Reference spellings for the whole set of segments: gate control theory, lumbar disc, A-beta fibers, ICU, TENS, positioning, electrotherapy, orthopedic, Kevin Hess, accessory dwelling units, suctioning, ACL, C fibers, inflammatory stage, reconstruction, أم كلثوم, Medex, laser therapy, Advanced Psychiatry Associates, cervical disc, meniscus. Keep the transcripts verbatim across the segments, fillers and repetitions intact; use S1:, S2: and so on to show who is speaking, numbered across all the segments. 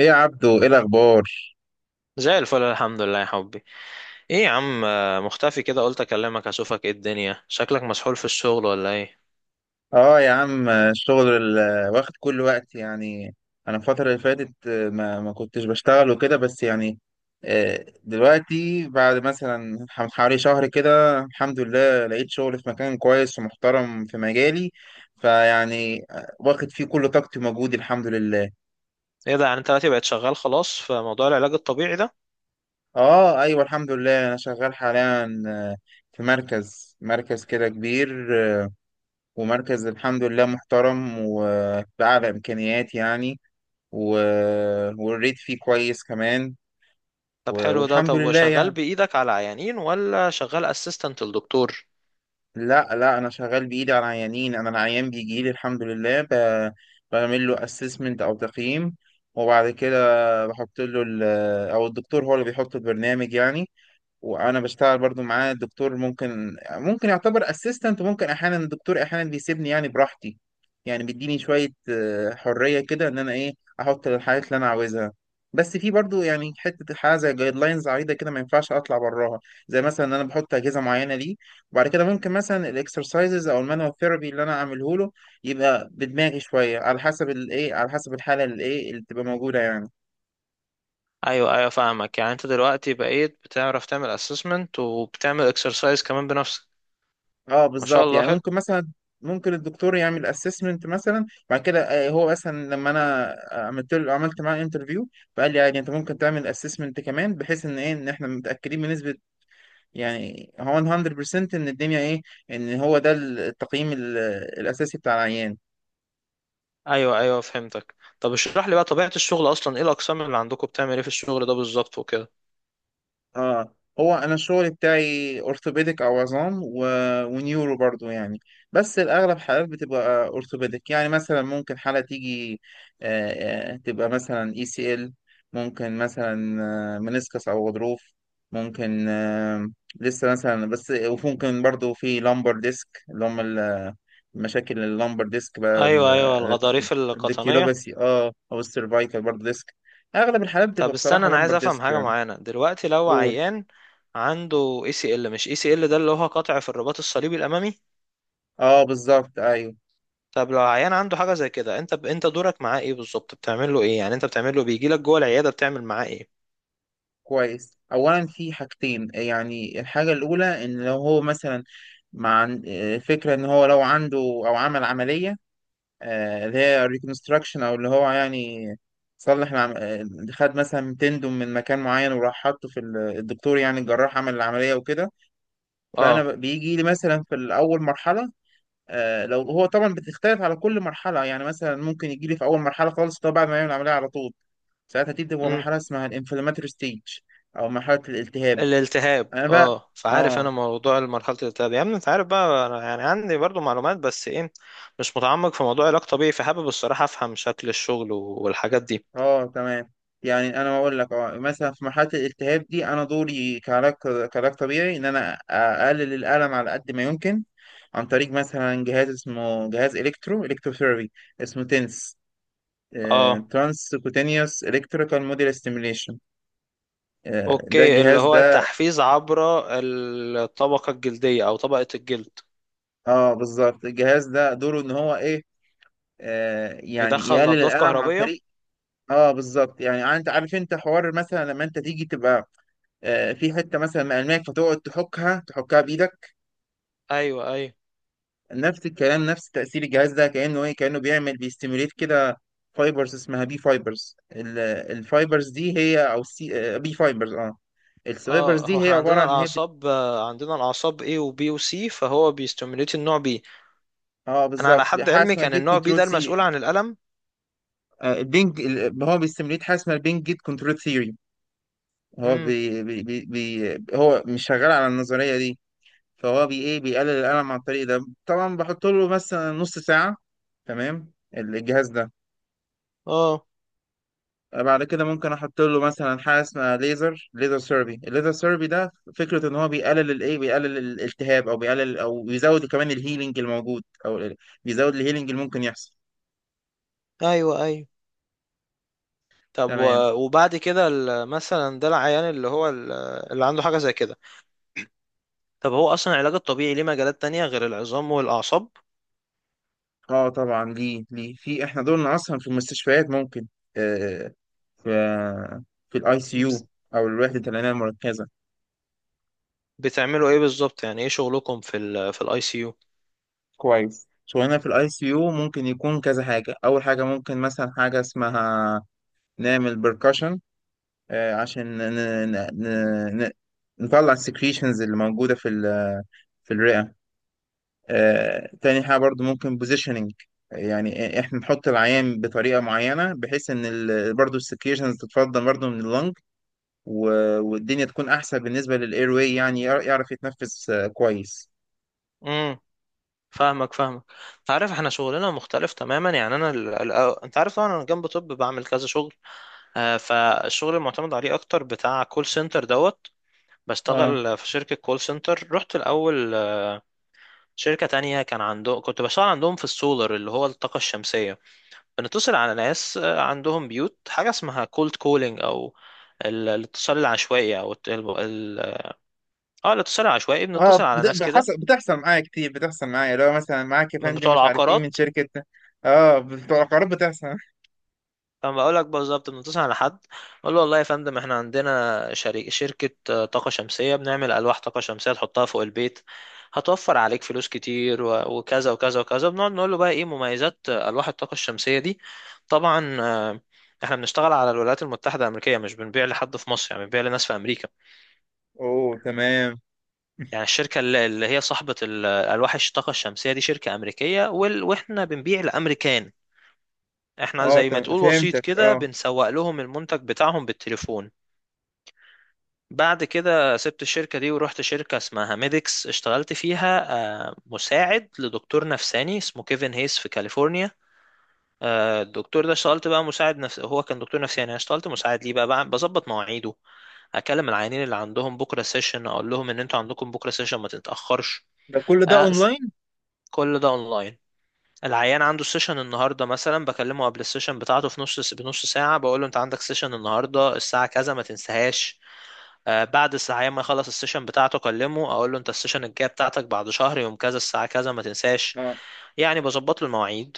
S1: ايه يا عبدو؟ ايه الاخبار؟
S2: زي الفل، الحمد لله يا حبي. ايه يا عم، آه، مختفي كده، قلت اكلمك اشوفك ايه الدنيا، شكلك مسحول في الشغل ولا ايه؟
S1: اه يا عم، الشغل ال- واخد كل وقت يعني. انا الفتره اللي فاتت، آه، ما ما كنتش بشتغل وكده بس يعني. آه، دلوقتي بعد مثلا ح- حوالي شهر كده الحمد لله لقيت شغل في مكان كويس ومحترم في مجالي. فيعني آه، واخد فيه كل طاقتي ومجهودي الحمد لله.
S2: ايه ده؟ يعني انت دلوقتي بقيت شغال خلاص في موضوع العلاج الطبيعي ده؟
S1: اه ايوه الحمد لله انا شغال حاليا، آه، في مركز مركز كده كبير. ومركز الحمد لله محترم وبأعلى إمكانيات يعني. و... والريت فيه كويس كمان. و...
S2: طب حلو ده.
S1: والحمد
S2: طب
S1: لله
S2: وشغال
S1: يعني.
S2: بايدك على عيانين ولا شغال اسيستنت للدكتور؟
S1: لا لا، أنا شغال بإيدي على العيانين. أنا العيان بيجي لي الحمد لله، ب... بعمل له أسسمنت أو تقييم. وبعد كده بحط له ال... أو الدكتور هو اللي بيحط البرنامج يعني. وانا بشتغل برضو معاه الدكتور، ممكن ممكن يعتبر اسيستنت، وممكن احيانا الدكتور احيانا بيسيبني يعني براحتي. يعني بيديني شوية آه، حرية كده ان انا ايه، احط الحاجات اللي انا عاوزها. بس في برضو يعني حتة حاجة زي جايد لاينز عريضة كده ما ينفعش اطلع براها. زي مثلا ان انا بحط اجهزة معينة ليه. وبعد كده ممكن مثلا الاكسرسايزز او المانوال ثيرابي اللي انا اعمله له، يبقى بدماغي شوية على حسب الايه، على حسب الحالة اللي ايه اللي تبقى موجودة يعني.
S2: ايوه ايوه فاهمك. يعني انت دلوقتي بقيت بتعرف تعمل اسسمنت وبتعمل اكسرسايز كمان بنفسك؟
S1: اه
S2: ما شاء
S1: بالظبط
S2: الله
S1: يعني
S2: حلو.
S1: ممكن مثلا، ممكن الدكتور يعمل اسسمنت مثلا بعد كده. آه، هو مثلا لما انا، آه، عملت له عملت معاه انترفيو، فقال لي عادي انت ممكن تعمل اسسمنت كمان بحيث ان ايه، ان احنا متاكدين بنسبه يعني هو مئة بالمئة ان الدنيا ايه، ان هو ده التقييم ال- الاساسي بتاع العيان.
S2: ايوه ايوه فهمتك. طب اشرح لي بقى طبيعة الشغل اصلا، ايه الاقسام اللي عندكم، بتعمل ايه في الشغل ده بالظبط وكده؟
S1: اه هو انا الشغل بتاعي اورثوبيديك او عظام، و... ونيورو برضو يعني. بس الاغلب حالات بتبقى اورثوبيديك يعني. مثلا ممكن حالة تيجي آه آه، تبقى مثلا اي سي ال. ممكن مثلا آه منسكس او غضروف. ممكن آه لسه مثلا بس. وممكن برضو في لامبر ديسك اللي هم ال- مشاكل اللامبر ديسك بقى
S2: ايوه ايوه،
S1: ال-
S2: الغضاريف القطنية.
S1: الديكيلوباسي، اه او السيرفايكال برضو ديسك. اغلب الحالات بتبقى
S2: طب استنى،
S1: بصراحة
S2: انا عايز
S1: لامبر
S2: افهم
S1: ديسك
S2: حاجه
S1: يعني.
S2: معينه. دلوقتي لو
S1: قول.
S2: عيان عنده اي سي ال، مش اي سي ال ده اللي هو قطع في الرباط الصليبي الامامي؟
S1: اه بالظبط ايوه.
S2: طب لو عيان عنده حاجه زي كده، انت انت دورك معاه ايه بالظبط؟ بتعمل له ايه يعني؟ انت بتعمل له، بيجي لك جوه العياده بتعمل معاه ايه؟
S1: كويس، اولا في حاجتين يعني. الحاجه الاولى ان لو هو مثلا مع فكره ان هو لو عنده او عمل عمليه آه، اللي هي ريكونستراكشن او اللي هو يعني صلح العم... آه، خد مثلا تندم من مكان معين وراح حطه في ال- الدكتور يعني الجراح عمل العمليه وكده. فانا
S2: اه.
S1: ب- بيجي لي مثلا في الاول مرحله. آه، لو هو طبعا بتختلف على كل مرحله يعني. مثلا ممكن يجي لي في اول مرحله خالص طبعا بعد ما يعمل العمليه على طول. ساعتها دي بتبقى
S2: امم.
S1: مرحلة اسمها الانفلاماتوري ستيج، أو مرحلة الالتهاب.
S2: الالتهاب،
S1: أنا بقى
S2: اه. فعارف انا
S1: آه
S2: موضوع مرحله الالتهاب يا ابني، انت عارف بقى انا يعني عندي برضو معلومات، بس ايه، مش متعمق في موضوع علاج طبيعي، فحابب الصراحه افهم شكل الشغل والحاجات دي.
S1: آه تمام. يعني أنا بقول لك، آه مثلا في مرحلة الالتهاب دي أنا دوري كعلاج، كعلاج طبيعي إن أنا أقلل الألم على قد ما يمكن، عن طريق مثلا جهاز اسمه جهاز إلكترو إلكتروثيرابي اسمه تنس،
S2: اه.
S1: ترانس كوتينيوس إلكتريكال موديل ستيميليشن. ده
S2: اوكي، اللي
S1: الجهاز
S2: هو
S1: ده
S2: تحفيز عبر الطبقة الجلدية او طبقة الجلد.
S1: آه بالظبط. الجهاز ده دوره إن هو إيه، آه، يعني
S2: يدخل
S1: يقلل
S2: نبضات
S1: الألم عن
S2: كهربية.
S1: طريق. اه بالظبط. يعني انت عارف انت حوار مثلا لما انت تيجي تبقى آه، في حته مثلا مقلماك فتقعد تحكها تحكها بايدك.
S2: ايوه ايوه.
S1: نفس الكلام، نفس تاثير الجهاز ده كانه ايه، كانه بيعمل بيستيموليت كده فايبرز اسمها بي فايبرز. الفايبرز دي هي او سي بي فايبرز. اه الفايبرز
S2: اه، هو
S1: دي هي
S2: احنا
S1: عباره
S2: عندنا
S1: عن ان هي بت...
S2: الاعصاب، آه، عندنا الاعصاب A و B و C، فهو بيستيموليت النوع B.
S1: اه
S2: انا على
S1: بالظبط،
S2: حد
S1: حاجه
S2: علمي
S1: اسمها
S2: كان
S1: جيت
S2: النوع B
S1: كنترول
S2: ده
S1: سي.
S2: المسؤول عن الألم.
S1: البينج ال- هو بيستيموليت حاجه اسمها البينج جيت كنترول ثيوري. هو
S2: امم.
S1: بي... بي... بي... بي... هو مش شغال على النظريه دي. فهو بي ايه، بيقلل الألم عن طريق ده. طبعا بحط له مثلا نص ساعة، تمام، الجهاز ده.
S2: اه.
S1: بعد كده ممكن احط له مثلا حاجه اسمها ليزر ليزر سيربي. الليزر سيربي ده فكره ان هو بيقلل الايه، بيقلل الالتهاب او بيقلل او بيزود كمان الهيلينج الموجود، او ال- بيزود الهيلينج اللي ممكن يحصل.
S2: ايوه ايوه. طب
S1: تمام.
S2: و- وبعد كده ال- مثلا ده العيان اللي هو ال- اللي عنده حاجة زي كده. طب هو اصلا العلاج الطبيعي ليه مجالات تانية غير العظام والاعصاب؟
S1: اه طبعا ليه، ليه في احنا دول اصلا في المستشفيات ممكن آه في آه، في الاي سي
S2: بز-
S1: يو، او الوحده العنايه المركزه.
S2: بتعملوا ايه بالظبط؟ يعني ايه شغلكم في ال، في الاي سي؟
S1: كويس، شغلنا في الاي سي يو ممكن يكون كذا حاجه. اول حاجه ممكن مثلا حاجه اسمها نعمل بركشن عشان ن... ن... ن... ن... نطلع السكريشنز اللي موجوده في ال... في الرئه. آه، تاني حاجه برضو ممكن بوزيشننج، يعني احنا نحط العيان بطريقه معينه بحيث ان ال... برضو السكريشنز تتفضل برضو من اللنج. و... والدنيا تكون احسن بالنسبه للاير واي، يعني يعرف يتنفس آه، كويس.
S2: امم. فاهمك فاهمك انت عارف احنا شغلنا مختلف تماما، يعني انا ال... ال... انت عارف طبعا انا جنب طب بعمل كذا شغل. آه، فالشغل المعتمد عليه اكتر بتاع كول سنتر دوت.
S1: اه
S2: بشتغل في شركة كول سنتر. رحت الاول شركة تانية كان عندهم، كنت بشتغل عندهم في السولر اللي هو الطاقة الشمسية. بنتصل على ناس آه، عندهم بيوت. حاجة اسمها كولد كولينج، او ال- الاتصال العشوائي، او الت- ال... ال- اه الاتصال العشوائي.
S1: اه
S2: بنتصل على
S1: بت-
S2: ناس كده
S1: بحصل بتحصل معايا كتير. بتحصل معايا لو مثلا معاك يا
S2: من
S1: فندم
S2: بتوع
S1: مش عارف ايه من
S2: العقارات.
S1: شركة. اه بتوع القرارات بتحصل.
S2: اما اقول لك بالظبط، بنتصل على حد اقول له: والله يا فندم احنا عندنا شريك، شركه آه، طاقه شمسيه، بنعمل الواح طاقه شمسيه تحطها فوق البيت هتوفر عليك فلوس كتير، و- وكذا وكذا وكذا. بنقعد نقول له بقى ايه مميزات آه، الواح الطاقه الشمسيه دي. طبعا آه، احنا بنشتغل على الولايات المتحده الامريكيه، مش بنبيع لحد في مصر، يعني بنبيع لناس في امريكا.
S1: اوه تمام.
S2: يعني الشركه اللي اللي هي صاحبه ال- الواح الطاقه الشمسيه دي شركه امريكيه، وال- واحنا بنبيع لامريكان. احنا
S1: اه
S2: زي ما
S1: تم...
S2: تقول وسيط
S1: فهمتك
S2: كده،
S1: اه.
S2: بنسوق لهم المنتج بتاعهم بالتليفون. بعد كده سبت الشركة دي ورحت شركة اسمها ميديكس، اشتغلت فيها آه، مساعد لدكتور نفساني اسمه كيفن هيس في كاليفورنيا. آه، الدكتور ده اشتغلت بقى مساعد، نفس هو كان دكتور نفساني، انا اشتغلت مساعد ليه بقى، بع- بظبط مواعيده، اكلم العيانين اللي عندهم بكرة سيشن اقول لهم ان انتوا عندكم بكرة سيشن ما تتأخرش.
S1: ده كل ده
S2: آه، س-
S1: اونلاين؟
S2: كل ده اونلاين. العيان عنده سيشن النهارده مثلا بكلمه قبل السيشن بتاعته في نص بنص ساعة، بقول له انت عندك سيشن النهارده الساعة كذا ما تنساهاش. آه، بعد الساعة ما يخلص السيشن بتاعته أكلمه أقول له أنت السيشن الجاية بتاعتك بعد شهر يوم كذا الساعة كذا ما تنساش.
S1: اه
S2: يعني بظبط له المواعيد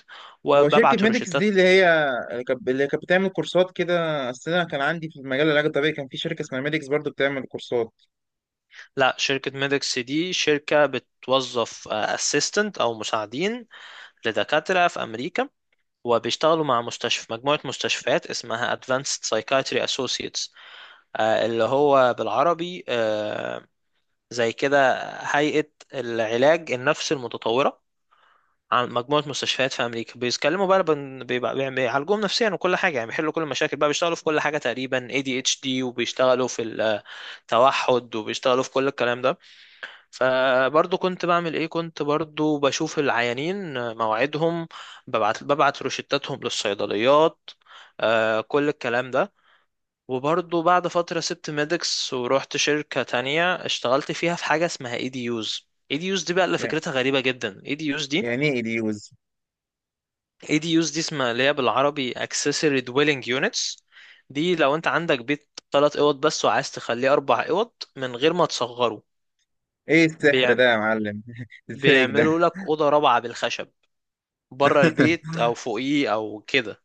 S1: هو شركة
S2: وببعت له
S1: ميديكس دي
S2: روشتات.
S1: اللي هي، اللي كانت اللي كانت بتعمل كورسات كده؟ اصل انا كان عندي في مجال العلاج الطبيعي كان في شركة اسمها ميديكس برضو بتعمل كورسات.
S2: لا، شركة ميدكس دي شركة بتوظف اسيستنت أو مساعدين لدكاترة في أمريكا، وبيشتغلوا مع مستشفى، مجموعة مستشفيات اسمها Advanced Psychiatry Associates، آه، اللي هو بالعربي آه، زي كده هيئة العلاج النفسي المتطورة. عن مجموعة مستشفيات في أمريكا، بيتكلموا بقى بن- بيبقى بيعم- بيعالجوهم نفسيا وكل حاجة، يعني بيحلوا كل المشاكل بقى، بيشتغلوا في كل حاجة تقريبا، إيه دي إتش دي، وبيشتغلوا في التوحد، وبيشتغلوا في كل الكلام ده. فبرضه كنت بعمل إيه، كنت برضه بشوف العيانين مواعيدهم، ببعت ببعت روشتاتهم للصيدليات، آه، كل الكلام ده. وبرضه بعد فترة سبت ميدكس ورحت شركة تانية اشتغلت فيها في حاجة اسمها إيه دي يوز. إيه دي يوز دي يوز دي بقى اللي
S1: يعني
S2: فكرتها غريبة جدا. إيه دي يوز دي يوز دي،
S1: يعني ايه ديوز؟
S2: اي دي يوز دي اسمها، اللي هي بالعربي accessory dwelling units. دي لو انت عندك بيت ثلاث اوض بس وعايز تخليه اربع اوض من غير ما تصغره،
S1: ايه السحر
S2: بيع...
S1: ده يا معلم؟ الفايك
S2: بيعملوا
S1: ده.
S2: لك اوضه رابعه بالخشب بره البيت او فوقيه او كده.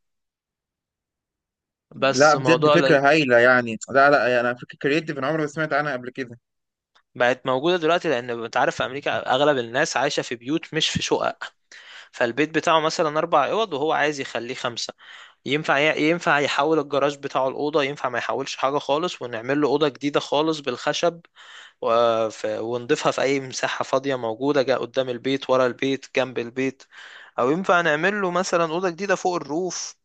S1: لا
S2: بس
S1: بجد
S2: موضوع ل...
S1: فكرة هايلة يعني، لا لا يعني فكرة كرييتيف انا عمري ما سمعت عنها قبل كده.
S2: بقت موجوده دلوقتي لان انت عارف في امريكا اغلب الناس عايشه في بيوت مش في شقق. فالبيت بتاعه مثلا اربع اوض وهو عايز يخليه خمسه، ينفع ي... ينفع يحول الجراج بتاعه الاوضه، ينفع ما يحولش حاجه خالص ونعمل له اوضه جديده خالص بالخشب، وف- ونضيفها في أي مساحة فاضية موجودة، جا قدام البيت ورا البيت جنب البيت، أو ينفع نعمل له مثلا أوضة جديدة فوق الروف،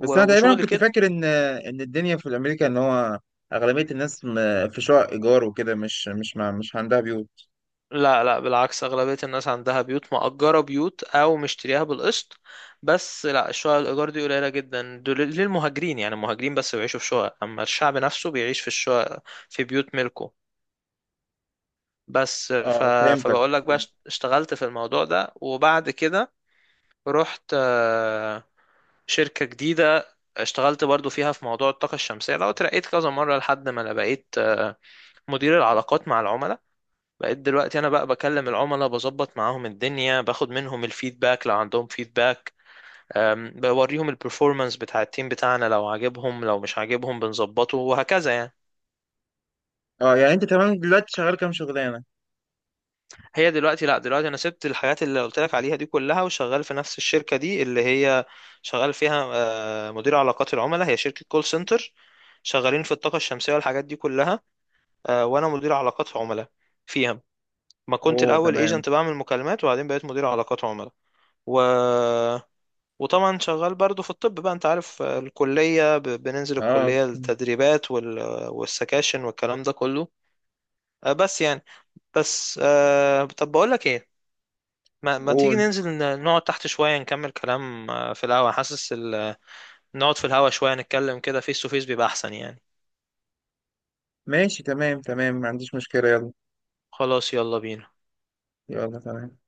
S1: بس انا تقريبا
S2: وشغل
S1: كنت
S2: كده.
S1: فاكر ان ان الدنيا في امريكا ان هو اغلبيه الناس م- في شقق ايجار وكده، مش مش مع مش عندها بيوت.
S2: لا لا بالعكس، أغلبية الناس عندها بيوت مأجرة، بيوت أو مشتريها بالقسط. بس لا الشقق الإيجار دي قليلة جدا، دول للمهاجرين، يعني المهاجرين بس بيعيشوا في شقق، أما الشعب نفسه بيعيش في الشقق، في بيوت ملكه. بس ف...
S1: اه فهمتك.
S2: فبقول لك بقى
S1: فهمت.
S2: اشت- اشتغلت في الموضوع ده، وبعد كده رحت شركة جديدة اشتغلت برضو فيها في موضوع الطاقة الشمسية ده، وترقيت كذا مرة لحد ما انا بقيت آه، مدير العلاقات مع العملاء. بقيت دلوقتي انا بقى بكلم العملاء، بظبط معاهم الدنيا، باخد منهم الفيدباك لو عندهم فيدباك. آم، بوريهم البرفورمانس بتاع التيم بتاعنا لو عاجبهم لو مش عاجبهم بنظبطه، وهكذا يعني.
S1: اه يعني انت تمام دلوقتي شغال كام شغلانه؟
S2: هي دلوقتي لا دلوقتي انا سبت الحاجات اللي قلت لك عليها دي كلها، وشغال في نفس الشركة دي اللي هي شغال فيها آه، مدير علاقات العملاء. هي شركة كول سنتر شغالين في الطاقة الشمسية والحاجات دي كلها، آه، وانا مدير علاقات عملاء فيها. ما كنت
S1: اوه
S2: الاول
S1: تمام.
S2: ايجنت بعمل مكالمات وبعدين بقيت مدير علاقات عملاء. و... وطبعا شغال برضو في الطب بقى، انت عارف آه، الكلية، ب... بننزل
S1: اه
S2: الكلية التدريبات وال... والسكاشن والكلام ده كله. آه، بس يعني بس آه، طب بقول لك ايه، ما... ما تيجي
S1: قول.
S2: ننزل ن- نقعد تحت شوية نكمل كلام آه، في الهوا، حاسس ال... نقعد في الهوا شوية نتكلم كده فيس تو فيس بيبقى احسن يعني.
S1: ماشي تمام تمام ما عنديش مشكله، يلا.
S2: خلاص يلا بينا.
S1: يلا تمام.